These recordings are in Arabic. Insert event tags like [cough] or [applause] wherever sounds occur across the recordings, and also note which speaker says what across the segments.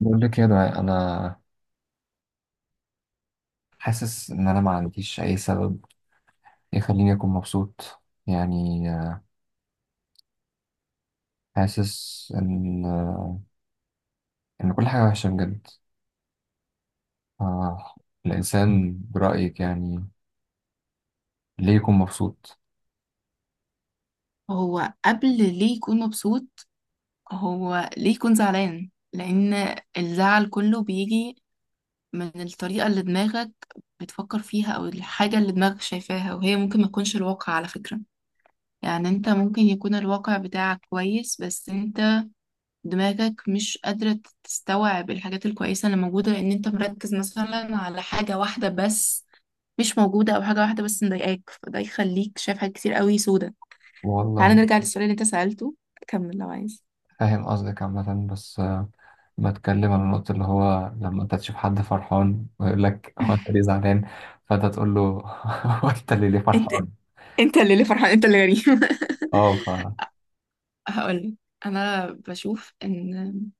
Speaker 1: بقول لك يا دعاء، انا حاسس ان انا ما عنديش اي سبب يخليني اكون مبسوط يعني حاسس ان كل حاجه وحشه بجد. آه، الانسان برايك يعني ليه يكون مبسوط؟
Speaker 2: هو قبل ليه يكون مبسوط؟ هو ليه يكون زعلان؟ لأن الزعل كله بيجي من الطريقة اللي دماغك بتفكر فيها أو الحاجة اللي دماغك شايفاها، وهي ممكن ما تكونش الواقع على فكرة. يعني انت ممكن يكون الواقع بتاعك كويس، بس انت دماغك مش قادرة تستوعب الحاجات الكويسة اللي موجودة، لأن انت مركز مثلا على حاجة واحدة بس مش موجودة، أو حاجة واحدة بس مضايقاك، فده يخليك شايف حاجات كتير قوي سودة. تعال
Speaker 1: والله.
Speaker 2: نرجع للسؤال اللي انت سألته، كمل لو عايز.
Speaker 1: فاهم قصدك عامه، بس بتكلم عن النقطه اللي هو لما انت تشوف حد فرحان ويقول لك [laughs] هو انت ليه زعلان؟ فانت تقول له [laughs] هو انت اللي ليه
Speaker 2: انت
Speaker 1: فرحان؟
Speaker 2: انت اللي فرحان، انت اللي غريب. [laughs]
Speaker 1: اه
Speaker 2: هقولك، انا بشوف ان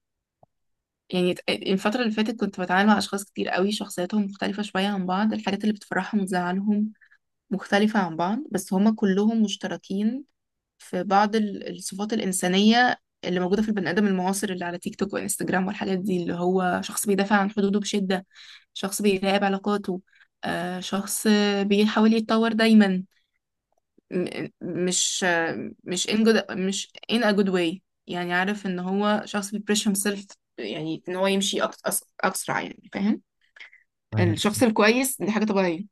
Speaker 2: يعني الفتره اللي فاتت كنت بتعامل مع اشخاص كتير قوي، شخصياتهم مختلفه شويه عن بعض، الحاجات اللي بتفرحهم وتزعلهم مختلفه عن بعض، بس هما كلهم مشتركين في بعض الصفات الانسانيه اللي موجوده في البني ادم المعاصر، اللي على تيك توك وانستجرام والحاجات دي. اللي هو شخص بيدافع عن حدوده بشده، شخص بيراقب علاقاته، شخص بيحاول يتطور دايما، م- مش مش in good، مش in a good way. يعني عارف ان هو شخص بيبريش himself، يعني ان هو يمشي اسرع، يعني فاهم؟
Speaker 1: فاهم.
Speaker 2: الشخص الكويس، دي حاجة طبيعية.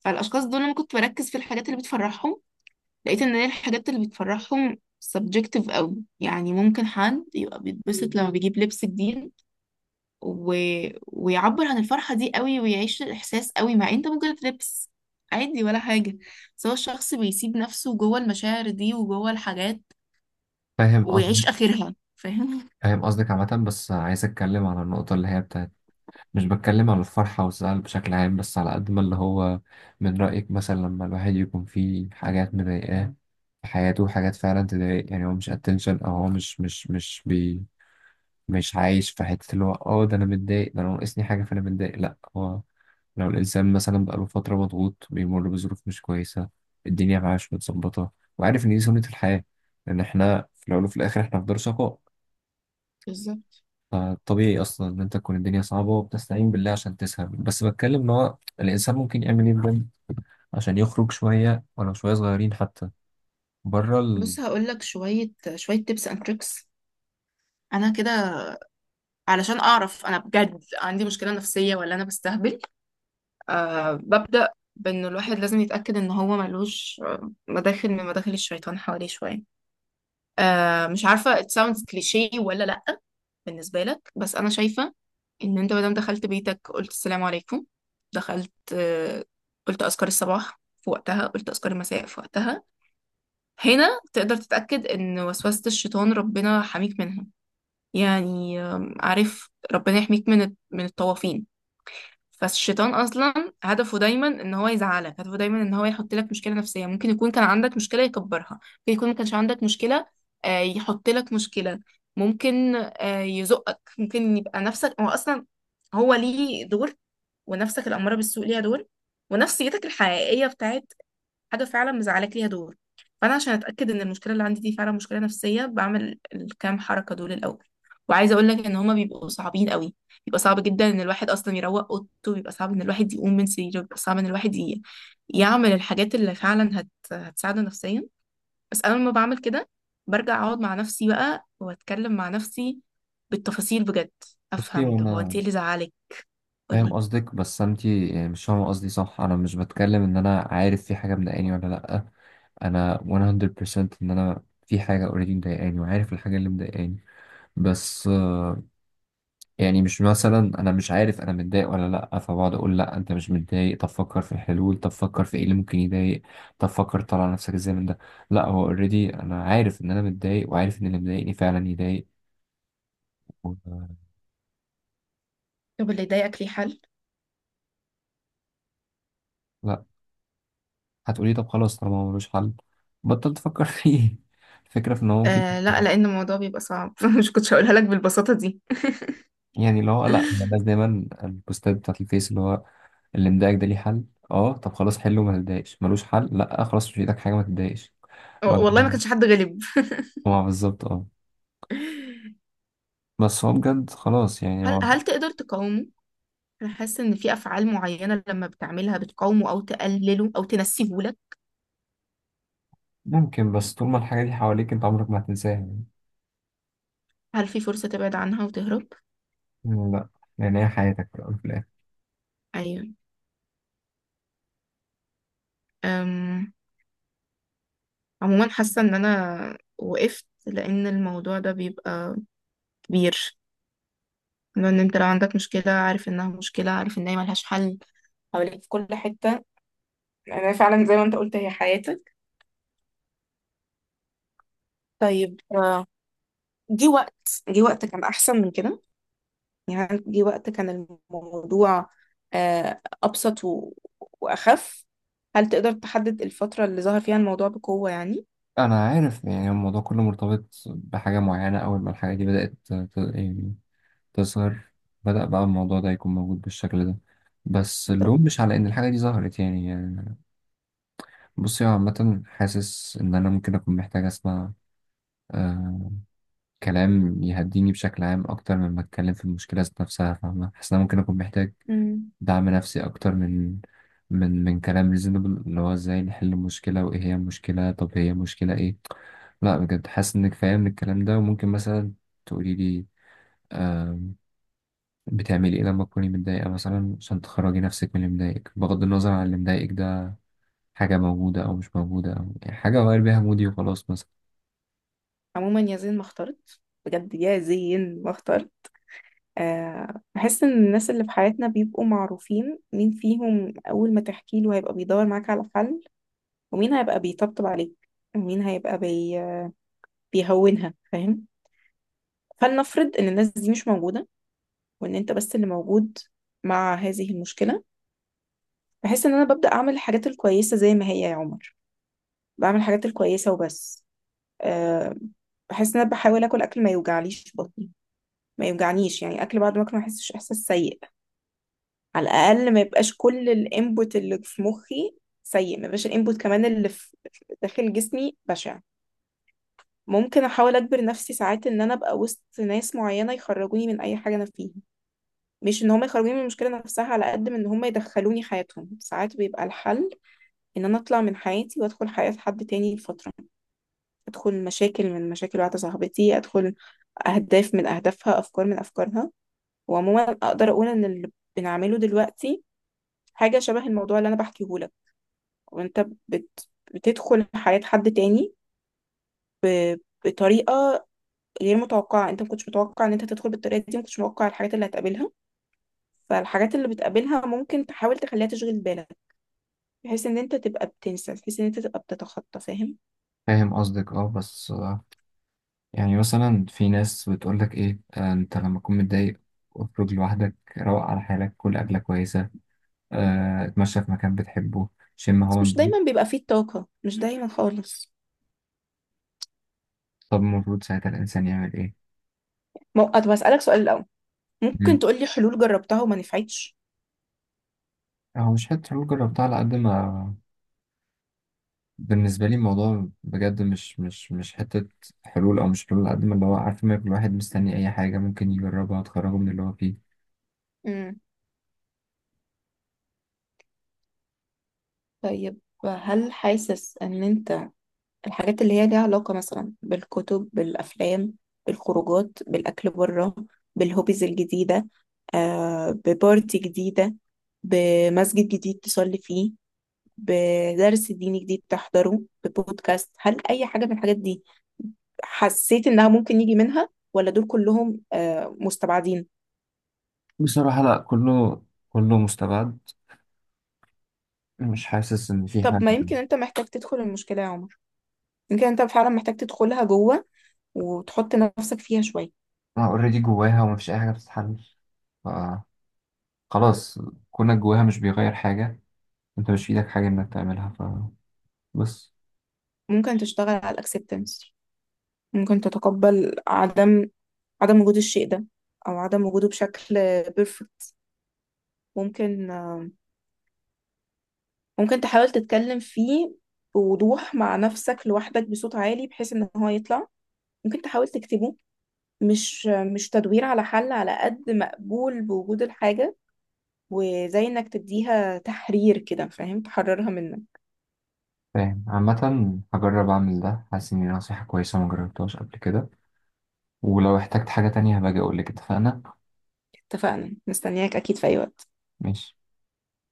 Speaker 2: فالاشخاص دول لما كنت بركز في الحاجات اللي بتفرحهم، لقيت ان هي الحاجات اللي بتفرحهم subjective قوي. يعني ممكن حد يبقى بيتبسط لما بيجيب لبس جديد و... ويعبر عن الفرحة دي قوي، ويعيش الإحساس قوي، مع انت ممكن تلبس عادي ولا حاجة. بس هو الشخص بيسيب نفسه جوه المشاعر دي وجوه الحاجات
Speaker 1: فاهم قصدك.
Speaker 2: ويعيش آخرها، فاهم؟
Speaker 1: فاهم قصدك عامة، بس عايز أتكلم عن النقطة اللي هي بتاعت. مش بتكلم على الفرحة والزعل بشكل عام، بس على قد ما اللي هو من رأيك مثلا لما الواحد يكون فيه حاجات مضايقاه في حياته، حاجات فعلا تضايق، يعني هو مش اتنشن، او هو مش عايش في حتة اللي هو اه ده انا متضايق، ده انا ناقصني حاجة فانا متضايق، لا هو. لو الإنسان مثلا بقاله فترة مضغوط بيمر بظروف مش كويسة، الدنيا معاه مش متظبطة، وعارف إن دي سنة الحياة، لأن إحنا في الأول وفي الآخر إحنا في دار شقاء.
Speaker 2: بالظبط.
Speaker 1: فطبيعي اصلا ان انت تكون الدنيا صعبه وبتستعين بالله عشان تسهر، بس بتكلم ان هو الانسان ممكن يعمل ايه بجد عشان يخرج شويه ولو شويه صغيرين حتى بره ال.
Speaker 2: بص، هقولك شوية شوية tips and tricks. أنا كده علشان أعرف أنا بجد عندي مشكلة نفسية ولا أنا بستهبل، أه، ببدأ بأن الواحد لازم يتأكد إن هو ملوش مداخل من مداخل الشيطان حواليه شوية. أه، مش عارفة it sounds cliché ولا لأ بالنسبة لك، بس أنا شايفة إن أنت مادام دخلت بيتك قلت السلام عليكم، دخلت قلت أذكار الصباح في وقتها، قلت أذكار المساء في وقتها، هنا تقدر تتأكد إن وسوسة الشيطان ربنا حميك منها. يعني عارف، ربنا يحميك من من الطوافين. فالشيطان اصلا هدفه دايما ان هو يزعلك، هدفه دايما ان هو يحط لك مشكله نفسيه. ممكن يكون كان عندك مشكله يكبرها، ممكن يكون ما كانش عندك مشكله يحط لك مشكله، ممكن يزقك، ممكن يبقى نفسك. هو اصلا هو ليه دور، ونفسك الاماره بالسوء ليها دور، ونفسيتك الحقيقيه بتاعت حاجه فعلا مزعلاك ليها دور. فانا عشان اتاكد ان المشكله اللي عندي دي فعلا مشكله نفسيه، بعمل الكام حركه دول الاول. وعايزه اقول لك ان هما بيبقوا صعبين قوي. بيبقى صعب جدا ان الواحد اصلا يروق اوضته، بيبقى صعب ان الواحد يقوم من سريره، بيبقى صعب ان الواحد يعمل الحاجات اللي فعلا هتساعده نفسيا. بس انا لما بعمل كده برجع اقعد مع نفسي بقى واتكلم مع نفسي بالتفاصيل بجد،
Speaker 1: بصي،
Speaker 2: افهم طب هو انت
Speaker 1: وانا
Speaker 2: ايه اللي زعلك.
Speaker 1: فاهم
Speaker 2: قولي.
Speaker 1: قصدك، بس انت يعني مش فاهمه قصدي، صح؟ انا مش بتكلم ان انا عارف في حاجه مضايقاني ولا لا. انا 100% ان انا في حاجه اوريدي مضايقاني وعارف الحاجه اللي مضايقاني، بس يعني مش مثلا انا مش عارف انا متضايق ولا لا فبقعد اقول لا انت مش متضايق، طب فكر في الحلول، طب فكر في ايه اللي ممكن يضايق، طب فكر تطلع نفسك ازاي من ده. لا هو اوريدي انا عارف ان انا متضايق وعارف ان اللي مضايقني فعلا يضايق. و-
Speaker 2: طب اللي ضايقك ليه حل؟
Speaker 1: لا، هتقولي طب خلاص طالما هو ملوش حل بطل تفكر فيه [laughs] الفكرة في ان هو ممكن.
Speaker 2: آه لا، لان الموضوع بيبقى صعب. [laughs] مش كنتش هقولها لك بالبساطه دي. [laughs]
Speaker 1: يعني اللي هو لا هي الناس
Speaker 2: [laughs]
Speaker 1: دايما البوستات بتاعت الفيس اللي هو اللي مضايقك ده ليه حل، اه طب خلاص حله، ما تتضايقش، ملوش حل، لا خلاص مش في ايدك حاجة، ما تتضايقش.
Speaker 2: والله ما
Speaker 1: لا،
Speaker 2: كانش حد غلب.
Speaker 1: ما بالظبط اه.
Speaker 2: [laughs]
Speaker 1: بس هو بجد خلاص يعني
Speaker 2: هل
Speaker 1: هو
Speaker 2: هل تقدر تقاومه؟ أنا حاسة إن في أفعال معينة لما بتعملها بتقاومه أو تقلله أو تنسيه لك.
Speaker 1: ممكن، بس طول ما الحاجة دي حواليك انت عمرك ما هتنساها يعني.
Speaker 2: هل في فرصة تبعد عنها وتهرب؟
Speaker 1: لا. يعني هي حياتك في الأول وفي الآخر.
Speaker 2: أيوة. أم... عموما حاسة إن أنا وقفت، لأن الموضوع ده بيبقى كبير. لأن أنت لو عندك مشكلة عارف إنها مشكلة، عارف إن هي ملهاش حل، حواليك في كل حتة، أنا فعلا زي ما أنت قلت هي حياتك. طيب جه وقت، جه وقت كان أحسن من كده. يعني عندي وقت كان الموضوع أبسط وأخف. هل تقدر تحدد الفترة اللي ظهر فيها الموضوع بقوة يعني؟
Speaker 1: أنا عارف يعني الموضوع كله مرتبط بحاجة معينة، أول ما الحاجة دي بدأت يعني تظهر، بدأ بقى الموضوع ده يكون موجود بالشكل ده، بس
Speaker 2: طب.
Speaker 1: اللوم مش على إن الحاجة دي ظهرت يعني. بصي، هو عامة حاسس إن أنا ممكن أكون محتاج أسمع آه كلام يهديني بشكل عام أكتر مما أتكلم في المشكلة ذات نفسها، فاهمة؟ حاسس إن أنا ممكن أكون محتاج
Speaker 2: امم،
Speaker 1: دعم نفسي أكتر من كلام ريزونبل اللي هو ازاي نحل المشكلة وإيه هي المشكلة، طب هي مشكلة إيه. لا بجد حاسس إنك فاهم من الكلام ده، وممكن مثلا تقولي لي آم، بتعملي إيه لما تكوني متضايقة مثلا عشان تخرجي نفسك من اللي مضايقك، بغض النظر عن اللي مضايقك ده حاجة موجودة أو مش موجودة، أو يعني حاجة أغير بيها مودي وخلاص مثلا.
Speaker 2: عموما يا زين ما اخترت، بجد يا زين ما اخترت. بحس إن الناس اللي في حياتنا بيبقوا معروفين مين فيهم أول ما تحكي له هيبقى بيدور معاك على حل، ومين هيبقى بيطبطب عليك، ومين هيبقى بيهونها، فاهم؟ فلنفرض إن الناس دي مش موجودة، وإن أنت بس اللي موجود مع هذه المشكلة. بحس ان انا ببدأ اعمل الحاجات الكويسة زي ما هي يا عمر. بعمل الحاجات الكويسة وبس. أه، بحس ان انا بحاول اكل اكل ما يوجعليش بطني، ما يوجعنيش، يعني اكل بعد ما اكل ما احسش احساس سيء. على الاقل ما يبقاش كل الانبوت اللي في مخي سيء، ما يبقاش الانبوت كمان اللي في داخل جسمي بشع. ممكن احاول اجبر نفسي ساعات ان انا ابقى وسط ناس معينة يخرجوني من اي حاجة انا فيها. مش ان هم يخرجوني من المشكلة نفسها، على قد ما ان هم يدخلوني حياتهم. ساعات بيبقى الحل ان انا اطلع من حياتي وادخل حياة حد تاني لفترة. ادخل مشاكل من مشاكل واحدة صاحبتي، ادخل اهداف من اهدافها، افكار من افكارها. وعموما اقدر اقول ان اللي بنعمله دلوقتي حاجة شبه الموضوع اللي انا بحكيه لك، وانت بتدخل حياة حد تاني بطريقة غير متوقعة. انت ما كنتش متوقع ان انت تدخل بالطريقة دي، ما كنتش متوقع الحاجات اللي هتقابلها، فالحاجات اللي بتقابلها ممكن تحاول تخليها تشغل بالك، بحيث ان انت تبقى بتنسى، بحيث ان انت تبقى بتتخطى، فاهم؟
Speaker 1: فاهم قصدك اه، بس يعني مثلا في ناس بتقولك ايه، انت لما تكون متضايق اخرج لوحدك، روق على حالك، كل أكلة كويسة، اتمشى في مكان بتحبه، شم
Speaker 2: بس
Speaker 1: هوا
Speaker 2: مش
Speaker 1: نضيف.
Speaker 2: دايما بيبقى فيه الطاقة، مش دايما خالص.
Speaker 1: طب المفروض ساعتها الإنسان يعمل إيه؟
Speaker 2: طب هسألك سؤال الأول. ممكن
Speaker 1: مم.
Speaker 2: تقولي حلول جربتها وما نفعتش؟
Speaker 1: هو مش حتة حلول جربتها على قد ما بالنسبة لي الموضوع بجد مش حتة حلول، أو مش حلول على قد ما اللي هو عارف ما كل واحد مستني أي حاجة ممكن يجربها تخرجه من اللي هو فيه.
Speaker 2: امم، طيب. هل حاسس ان انت الحاجات اللي هي ليها علاقة مثلا بالكتب، بالافلام، بالخروجات، بالاكل بره، بالهوبيز الجديدة، آه ببارتي جديدة، بمسجد جديد تصلي فيه، بدرس ديني جديد تحضره، ببودكاست، هل اي حاجة من الحاجات دي حسيت انها ممكن يجي منها، ولا دول كلهم آه مستبعدين؟
Speaker 1: بصراحة لأ، كله كله مستبعد. مش حاسس إن في
Speaker 2: طب ما
Speaker 1: حاجة.
Speaker 2: يمكن انت محتاج تدخل المشكلة يا عمر. يمكن انت فعلا محتاج تدخلها جوه وتحط نفسك فيها شوية.
Speaker 1: أنا أوريدي جواها ومفيش أي حاجة بتتحل. ف- خلاص، كونك جواها مش بيغير حاجة، أنت مش في إيدك حاجة إنك تعملها، فبس.
Speaker 2: ممكن تشتغل على الاكسبتنس، ممكن تتقبل عدم عدم وجود الشيء ده، او عدم وجوده بشكل بيرفكت. ممكن ممكن تحاول تتكلم فيه بوضوح مع نفسك لوحدك بصوت عالي بحيث ان هو يطلع. ممكن تحاول تكتبه. مش مش تدوير على حل، على قد مقبول بوجود الحاجة، وزي انك تديها تحرير كده، فاهم؟ تحررها منك.
Speaker 1: فاهم، عامة هجرب أعمل ده، حاسس إن دي نصيحة كويسة ما جربتهاش قبل كده، ولو احتجت حاجة تانية هبقى أجي أقولك، اتفقنا؟
Speaker 2: اتفقنا، مستنياك اكيد في اي وقت.
Speaker 1: ماشي.